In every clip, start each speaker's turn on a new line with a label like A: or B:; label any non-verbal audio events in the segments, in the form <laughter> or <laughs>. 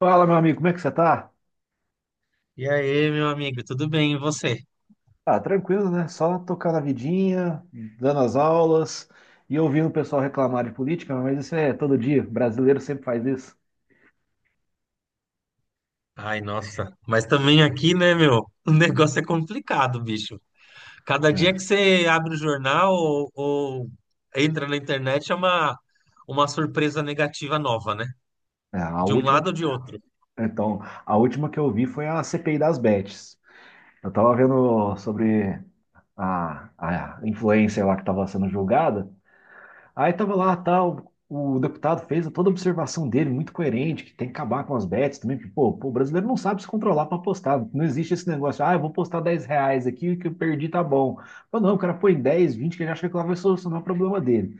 A: Fala, meu amigo, como é que você tá?
B: E aí, meu amigo, tudo bem? E você?
A: Ah, tranquilo, né? Só tocar na vidinha, dando as aulas e ouvindo o pessoal reclamar de política, mas isso é todo dia. Brasileiro sempre faz isso.
B: Ai, nossa, mas também aqui, né, meu? <laughs> O negócio é complicado, bicho. Cada dia que você abre o jornal ou entra na internet é uma surpresa negativa nova, né?
A: É, é.
B: De um lado ou de outro.
A: Então, a última que eu vi foi a CPI das Bets. Eu tava vendo sobre a, a influencer lá que estava sendo julgada. Aí tava lá, tal, o deputado fez toda a observação dele, muito coerente, que tem que acabar com as bets também, porque, o brasileiro não sabe se controlar para apostar. Não existe esse negócio, ah, eu vou postar R$ 10 aqui, que eu perdi, tá bom. Mas não, o cara põe 10, 20, que ele acha que lá vai solucionar o problema dele.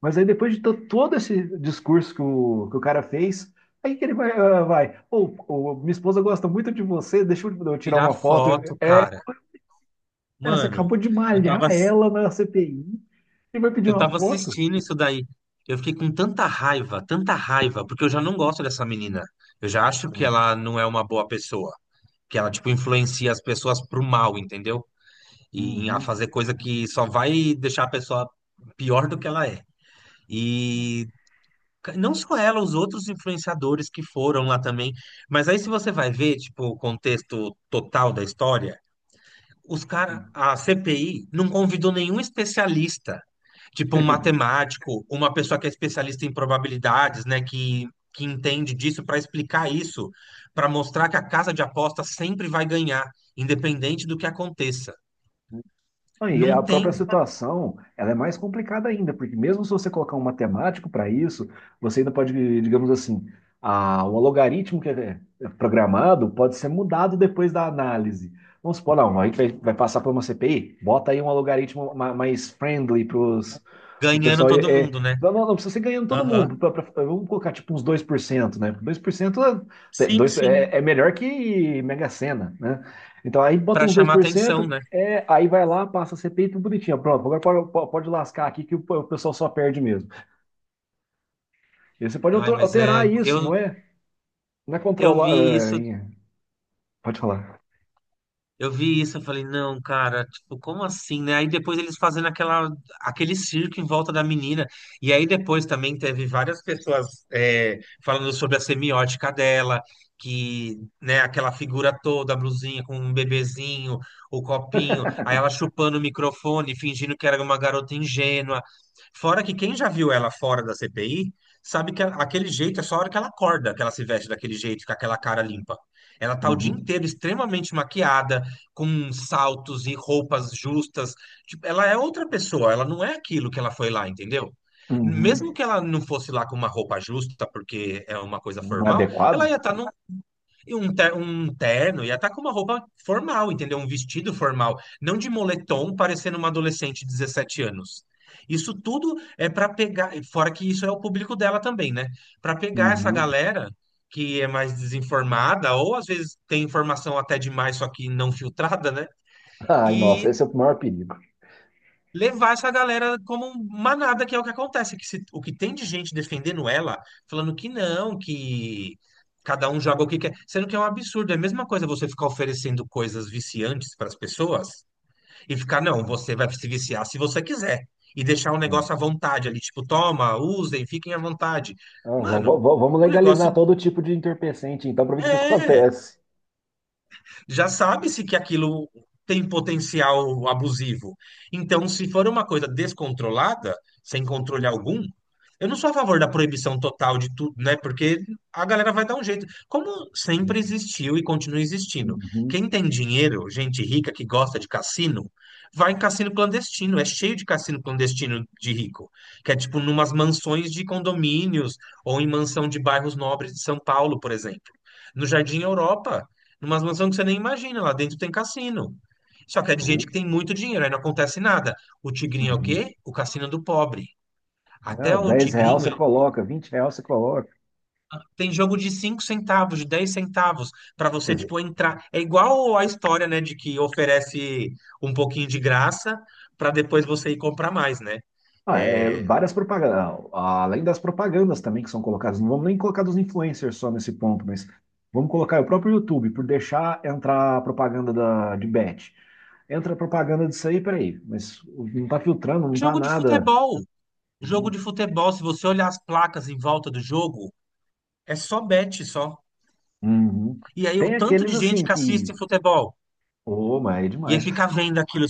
A: Mas aí depois de todo esse discurso que o cara fez, aí que ele vai, ah, vai, pô, ô, minha esposa gosta muito de você, deixa eu tirar
B: Tirar
A: uma foto.
B: foto,
A: É,
B: cara.
A: cara, você
B: Mano,
A: acabou de
B: eu
A: malhar
B: tava,
A: ela na CPI e vai pedir
B: eu
A: uma
B: tava
A: foto?
B: assistindo isso daí. Eu fiquei com tanta raiva, porque eu já não gosto dessa menina. Eu já acho que ela não é uma boa pessoa. Que ela, tipo, influencia as pessoas pro mal, entendeu? E a
A: Uhum.
B: fazer coisa que só vai deixar a pessoa pior do que ela é.
A: Uhum.
B: E não só ela, os outros influenciadores que foram lá também. Mas aí, se você vai ver, tipo, o contexto total da história, os cara
A: Não.
B: a CPI não convidou nenhum especialista, tipo um matemático, uma pessoa que é especialista em probabilidades, né, que entende disso para explicar isso, para mostrar que a casa de aposta sempre vai ganhar, independente do que aconteça.
A: E a
B: Não
A: própria
B: tem.
A: situação, ela é mais complicada ainda, porque mesmo se você colocar um matemático para isso, você ainda pode, digamos assim, o logaritmo que é programado pode ser mudado depois da análise. Vamos supor, não, a gente vai passar por uma CPI, bota aí um logaritmo mais friendly para o
B: Ganhando
A: pessoal. É,
B: todo
A: é,
B: mundo, né?
A: não, não, não precisa ser ganhando todo
B: Aham.
A: mundo, vamos colocar tipo uns 2%, né? 2%, é,
B: Sim,
A: dois-
B: sim,
A: é é melhor que Mega Sena, né? Então aí bota
B: para
A: uns dois
B: chamar
A: por cento.
B: atenção, né?
A: É, aí vai lá, passa a CPI, tudo bonitinho. Pronto, agora pode, pode lascar aqui que o pessoal só perde mesmo. E você pode
B: Ai,
A: alter-
B: mas
A: alterar isso,
B: eu
A: não é? Não é
B: eu
A: controlar.
B: vi isso.
A: É, é, pode falar.
B: Eu vi isso, eu falei, não, cara, tipo, como assim, né? Aí depois eles fazendo aquele circo em volta da menina. E aí depois também teve várias pessoas falando sobre a semiótica dela, que, né, aquela figura toda, a blusinha com um bebezinho, o copinho, aí ela
A: <laughs>
B: chupando o microfone, fingindo que era uma garota ingênua. Fora que quem já viu ela fora da CPI, sabe que aquele jeito é só a hora que ela acorda, que ela se veste daquele jeito, com aquela cara limpa. Ela tá o dia
A: Uhum,
B: inteiro extremamente maquiada, com saltos e roupas justas. Tipo, ela é outra pessoa, ela não é aquilo que ela foi lá, entendeu?
A: uhum.
B: Mesmo que ela não fosse lá com uma roupa justa, porque é uma coisa
A: Não é
B: formal, ela
A: adequado?
B: ia estar num em um, ter- um terno, ia estar com uma roupa formal, entendeu? Um vestido formal, não de moletom, parecendo uma adolescente de 17 anos. Isso tudo é para pegar, fora que isso é o público dela também, né? Para pegar essa
A: Uhum.
B: galera que é mais desinformada, ou às vezes tem informação até demais, só que não filtrada, né?
A: Ai, nossa,
B: E
A: esse é o maior perigo.
B: levar essa galera como manada, que é o que acontece, que o que tem de gente defendendo ela, falando que não, que cada um joga o que quer, sendo que é um absurdo, é a mesma coisa você ficar oferecendo coisas viciantes para as pessoas e ficar, não,
A: Hum,
B: você vai se viciar se você quiser e deixar o
A: hum.
B: negócio à vontade ali, tipo, toma, usem, fiquem à vontade.
A: Ah,
B: Mano,
A: vamos
B: o negócio
A: legalizar todo tipo de entorpecente, então, para ver o que que
B: é
A: acontece.
B: já sabe-se que aquilo tem potencial abusivo. Então, se for uma coisa descontrolada, sem controle algum, eu não sou a favor da proibição total de tudo, né? Porque a galera vai dar um jeito. Como sempre existiu e continua existindo.
A: Uhum.
B: Quem tem dinheiro, gente rica que gosta de cassino, vai em cassino clandestino. É cheio de cassino clandestino de rico. Que é tipo numas mansões de condomínios ou em mansão de bairros nobres de São Paulo, por exemplo. No Jardim Europa, numas mansões que você nem imagina, lá dentro tem cassino. Só que é de gente
A: Uhum.
B: que tem muito dinheiro, aí não acontece nada. O Tigrinho é o
A: Uhum.
B: quê? O cassino do pobre. Até
A: Ah,
B: o
A: 10 real
B: Tigrinho,
A: você
B: ele
A: coloca, 20 real você coloca.
B: tem jogo de 5 centavos, de 10 centavos, para você, tipo, entrar. É igual a história, né, de que oferece um pouquinho de graça para depois você ir comprar mais, né?
A: Ah, é,
B: É.
A: várias propagandas, além das propagandas também que são colocadas, não vamos nem colocar dos influencers só nesse ponto, mas vamos colocar o próprio YouTube, por deixar entrar a propaganda de bet. Entra a propaganda disso aí, peraí, mas não tá filtrando, não tá
B: Jogo de
A: nada.
B: futebol. Jogo de futebol, se você olhar as placas em volta do jogo, é só bet, só.
A: Uhum.
B: E aí o
A: Tem
B: tanto de
A: aqueles
B: gente
A: assim
B: que assiste
A: que,
B: futebol.
A: ô, mas é
B: E aí
A: demais.
B: fica vendo aquilo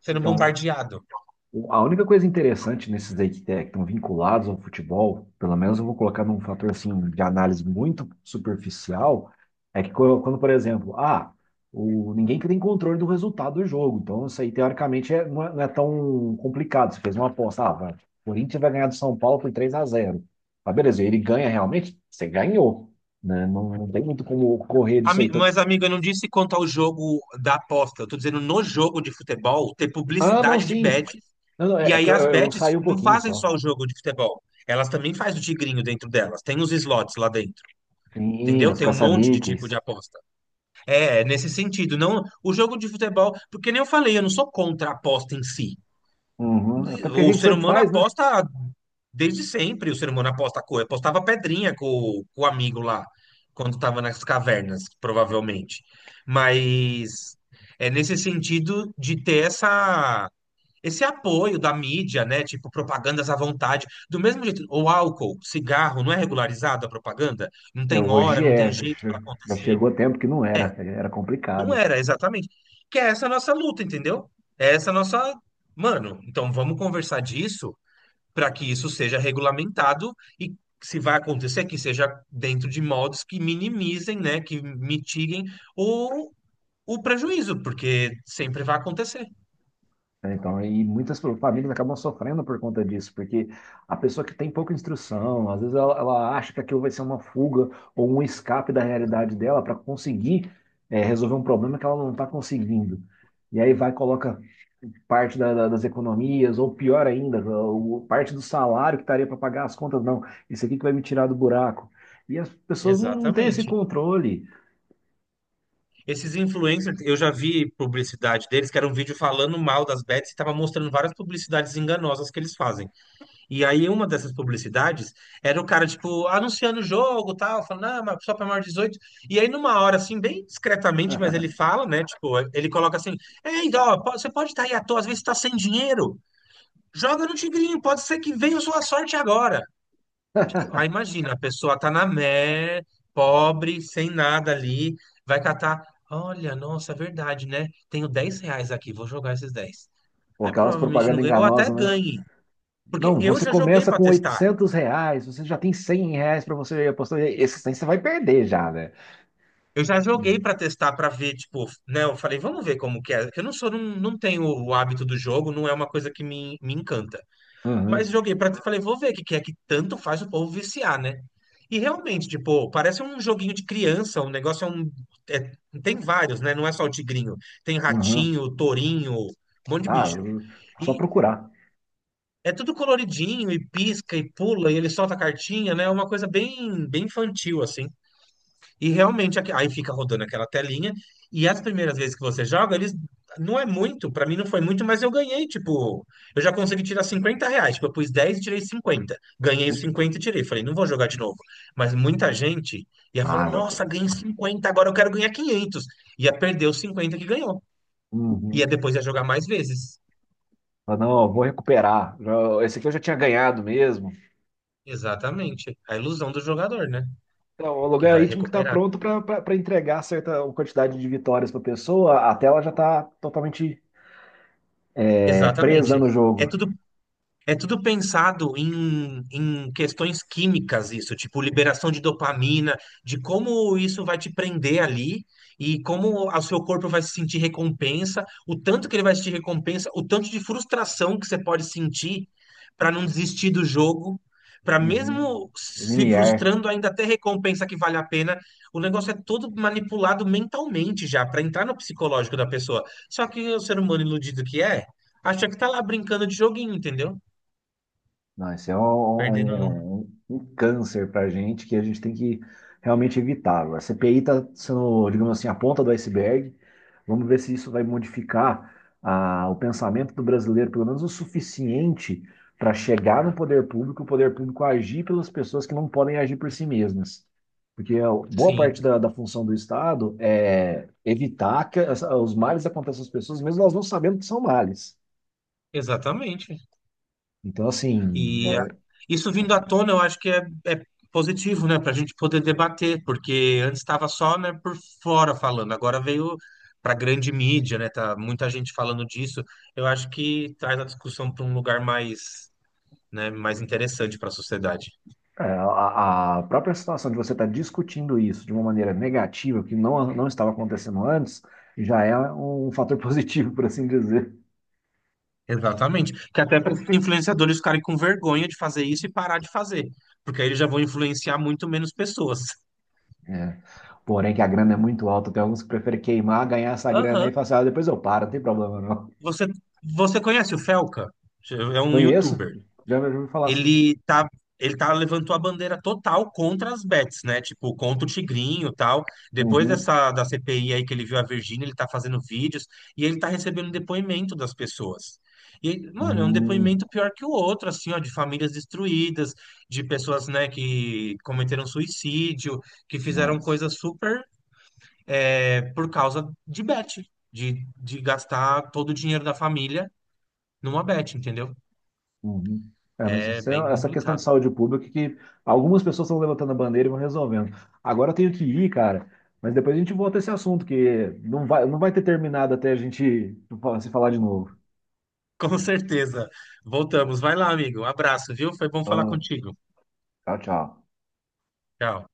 B: sendo
A: Então,
B: bombardeado.
A: A única coisa interessante nesses aí que que estão vinculados ao futebol, pelo menos eu vou colocar num fator assim de análise muito superficial, é que quando, por exemplo, ah, o, ninguém que tem controle do resultado do jogo, então isso aí teoricamente não, é, não é tão complicado. Você fez uma aposta, ah, vai, o Corinthians vai ganhar do São Paulo por 3-0. Ah, beleza, ele ganha realmente? Você ganhou, né? Não, não tem muito como correr disso aí. Então,
B: Mas, amigo, eu não disse quanto ao jogo da aposta. Eu tô dizendo no jogo de futebol ter
A: ah, não,
B: publicidade de
A: sim.
B: bets.
A: Não, não,
B: E
A: é é que
B: aí
A: eu,
B: as
A: eu, eu
B: bets
A: saí um
B: não
A: pouquinho
B: fazem
A: só.
B: só o jogo de futebol. Elas também fazem o tigrinho dentro delas. Tem os slots lá dentro,
A: Sim,
B: entendeu?
A: os
B: Tem um monte de tipo
A: caça-níqueis.
B: de aposta. É nesse sentido, não o jogo de futebol, porque nem eu falei, eu não sou contra a aposta em si.
A: Uhum. Até porque a
B: O
A: gente
B: ser
A: sempre
B: humano
A: faz, né?
B: aposta desde sempre. O ser humano aposta a cor. Apostava pedrinha com o amigo lá, quando estava nas cavernas, provavelmente. Mas é nesse sentido de ter esse apoio da mídia, né? Tipo, propagandas à vontade. Do mesmo jeito, o álcool, cigarro, não é regularizado a propaganda? Não
A: É,
B: tem hora,
A: hoje
B: não tem
A: é,
B: jeito
A: já
B: para
A: já
B: acontecer.
A: chegou tempo que não era, era
B: Não
A: complicado.
B: era, exatamente. Que é essa a nossa luta, entendeu? É essa a nossa. Mano, então vamos conversar disso para que isso seja regulamentado e se vai acontecer que seja dentro de modos que minimizem, né, que mitiguem o, o prejuízo, porque sempre vai acontecer.
A: Né? Então, e muitas famílias acabam sofrendo por conta disso, porque a pessoa que tem pouca instrução, às vezes ela acha que aquilo vai ser uma fuga ou um escape da realidade dela para conseguir, é, resolver um problema que ela não está conseguindo. E aí vai, coloca parte das economias, ou pior ainda, parte do salário que estaria para pagar as contas, não, isso aqui que vai me tirar do buraco. E as pessoas não têm esse
B: Exatamente.
A: controle.
B: Esses influencers, eu já vi publicidade deles, que era um vídeo falando mal das bets e estava mostrando várias publicidades enganosas que eles fazem. E aí, uma dessas publicidades era o cara, tipo, anunciando o jogo, tal, falando, ah, mas só para maior de 18. E aí, numa hora, assim, bem discretamente, mas ele fala, né? Tipo, ele coloca assim: ei, ó, você pode estar aí à toa, às vezes está sem dinheiro. Joga no Tigrinho, pode ser que venha a sua sorte agora. Aí, imagina, a pessoa tá pobre, sem nada ali, vai catar. Olha, nossa, é verdade, né? Tenho 10 reais aqui, vou jogar esses 10.
A: Pô,
B: Aí
A: aquelas
B: provavelmente não
A: propagandas
B: ganha, ou até
A: enganosas, né?
B: ganhe. Porque
A: Não,
B: eu
A: você
B: já joguei
A: começa
B: para
A: com
B: testar.
A: R$ 800, você já tem R$ 100 para você apostar. Esses 100 você vai perder já, né?
B: Eu já joguei pra testar, pra ver, tipo, né? Eu falei, vamos ver como que é. Eu não sou, não, não tenho o hábito do jogo, não é uma coisa que me encanta. Mas
A: Uhum,
B: joguei pra falei, vou ver o que que é que tanto faz o povo viciar, né? E realmente, tipo, parece um joguinho de criança, um negócio é um. é- Tem vários, né? Não é só o tigrinho. Tem
A: uhum.
B: ratinho, tourinho, um monte de
A: Ah,
B: bicho.
A: só
B: E
A: procurar.
B: é tudo coloridinho, e pisca, e pula, e ele solta a cartinha, né? É uma coisa bem, bem infantil, assim. E realmente aí fica rodando aquela telinha. E as primeiras vezes que você joga, eles não é muito, pra mim não foi muito, mas eu ganhei, tipo, eu já consegui tirar 50 reais. Tipo, eu pus 10 e tirei 50. Ganhei os 50 e tirei. Falei, não vou jogar de novo. Mas muita gente ia falar,
A: Ah, vai-
B: nossa, ganhei 50 agora eu quero ganhar 500. Ia perder os 50 que ganhou. Ia,
A: uhum.
B: depois ia jogar mais vezes.
A: Ah, não, eu vou recuperar. Esse aqui eu já tinha ganhado mesmo.
B: Exatamente. A ilusão do jogador, né?
A: Então, o
B: Que vai
A: logaritmo que está
B: recuperar.
A: pronto para entregar certa quantidade de vitórias para a pessoa, a tela já está totalmente, presa
B: Exatamente.
A: no
B: É
A: jogo.
B: tudo É tudo pensado em, questões químicas, isso, tipo liberação de dopamina, de como isso vai te prender ali e como o seu corpo vai se sentir recompensa, o tanto que ele vai sentir recompensa, o tanto de frustração que você pode sentir para não desistir do jogo, para
A: Uhum.
B: mesmo se
A: Limiar.
B: frustrando ainda ter recompensa que vale a pena. O negócio é todo manipulado mentalmente já, para entrar no psicológico da pessoa. Só que o ser humano iludido que é, acha que tá lá brincando de joguinho, entendeu?
A: Não, esse é um,
B: Perdendo.
A: um, um um, um câncer para a gente que a gente tem que realmente evitar. Agora, a CPI está sendo, digamos assim, a ponta do iceberg. Vamos ver se isso vai modificar, o pensamento do brasileiro, pelo menos o suficiente para chegar no poder público, o poder público agir pelas pessoas que não podem agir por si mesmas. Porque a boa
B: Sim,
A: parte da função do Estado é evitar que os males aconteçam às pessoas, mesmo elas não sabendo que são males.
B: exatamente.
A: Então, assim,
B: E
A: é,
B: isso vindo à tona, eu acho que é positivo, né, para a gente poder debater, porque antes estava só, né, por fora falando, agora veio para grande mídia, né, tá muita gente falando disso. Eu acho que traz a discussão para um lugar mais, né, mais interessante para a sociedade.
A: A própria situação de você estar discutindo isso de uma maneira negativa, que não estava acontecendo antes, já é um fator <laughs> positivo, por assim dizer.
B: Exatamente. Que até para influenciadores ficarem com vergonha de fazer isso e parar de fazer, porque aí eles já vão influenciar muito menos pessoas.
A: É. Porém, que a grana é muito alta, tem alguns que preferem queimar, ganhar essa grana aí e
B: Aham.
A: falar assim, ah, depois eu paro, não tem problema não.
B: Você, você conhece o Felca? É um
A: Conheço,
B: youtuber.
A: já já ouvi falar assim.
B: Ele tá, ele tá levantou a bandeira total contra as bets, né? Tipo, contra o Tigrinho e tal. Depois
A: Uhum.
B: dessa da CPI aí que ele viu a Virgínia, ele tá fazendo vídeos e ele tá recebendo um depoimento das pessoas. E, mano, é um
A: Hum,
B: depoimento pior que o outro, assim, ó, de famílias destruídas, de pessoas, né, que cometeram suicídio, que fizeram
A: nossa.
B: coisas super, por causa de bet, de gastar todo o dinheiro da família numa bet, entendeu?
A: Uhum. É, mas
B: É bem
A: essa questão de
B: complicado.
A: saúde pública que algumas pessoas estão levantando a bandeira e vão resolvendo. Agora eu tenho que ir, cara, mas depois a gente volta a esse assunto, que não vai ter terminado até a gente se falar de novo.
B: Com certeza. Voltamos. Vai lá, amigo. Abraço, viu? Foi bom falar
A: Ah,
B: contigo.
A: tchau, tchau.
B: Tchau.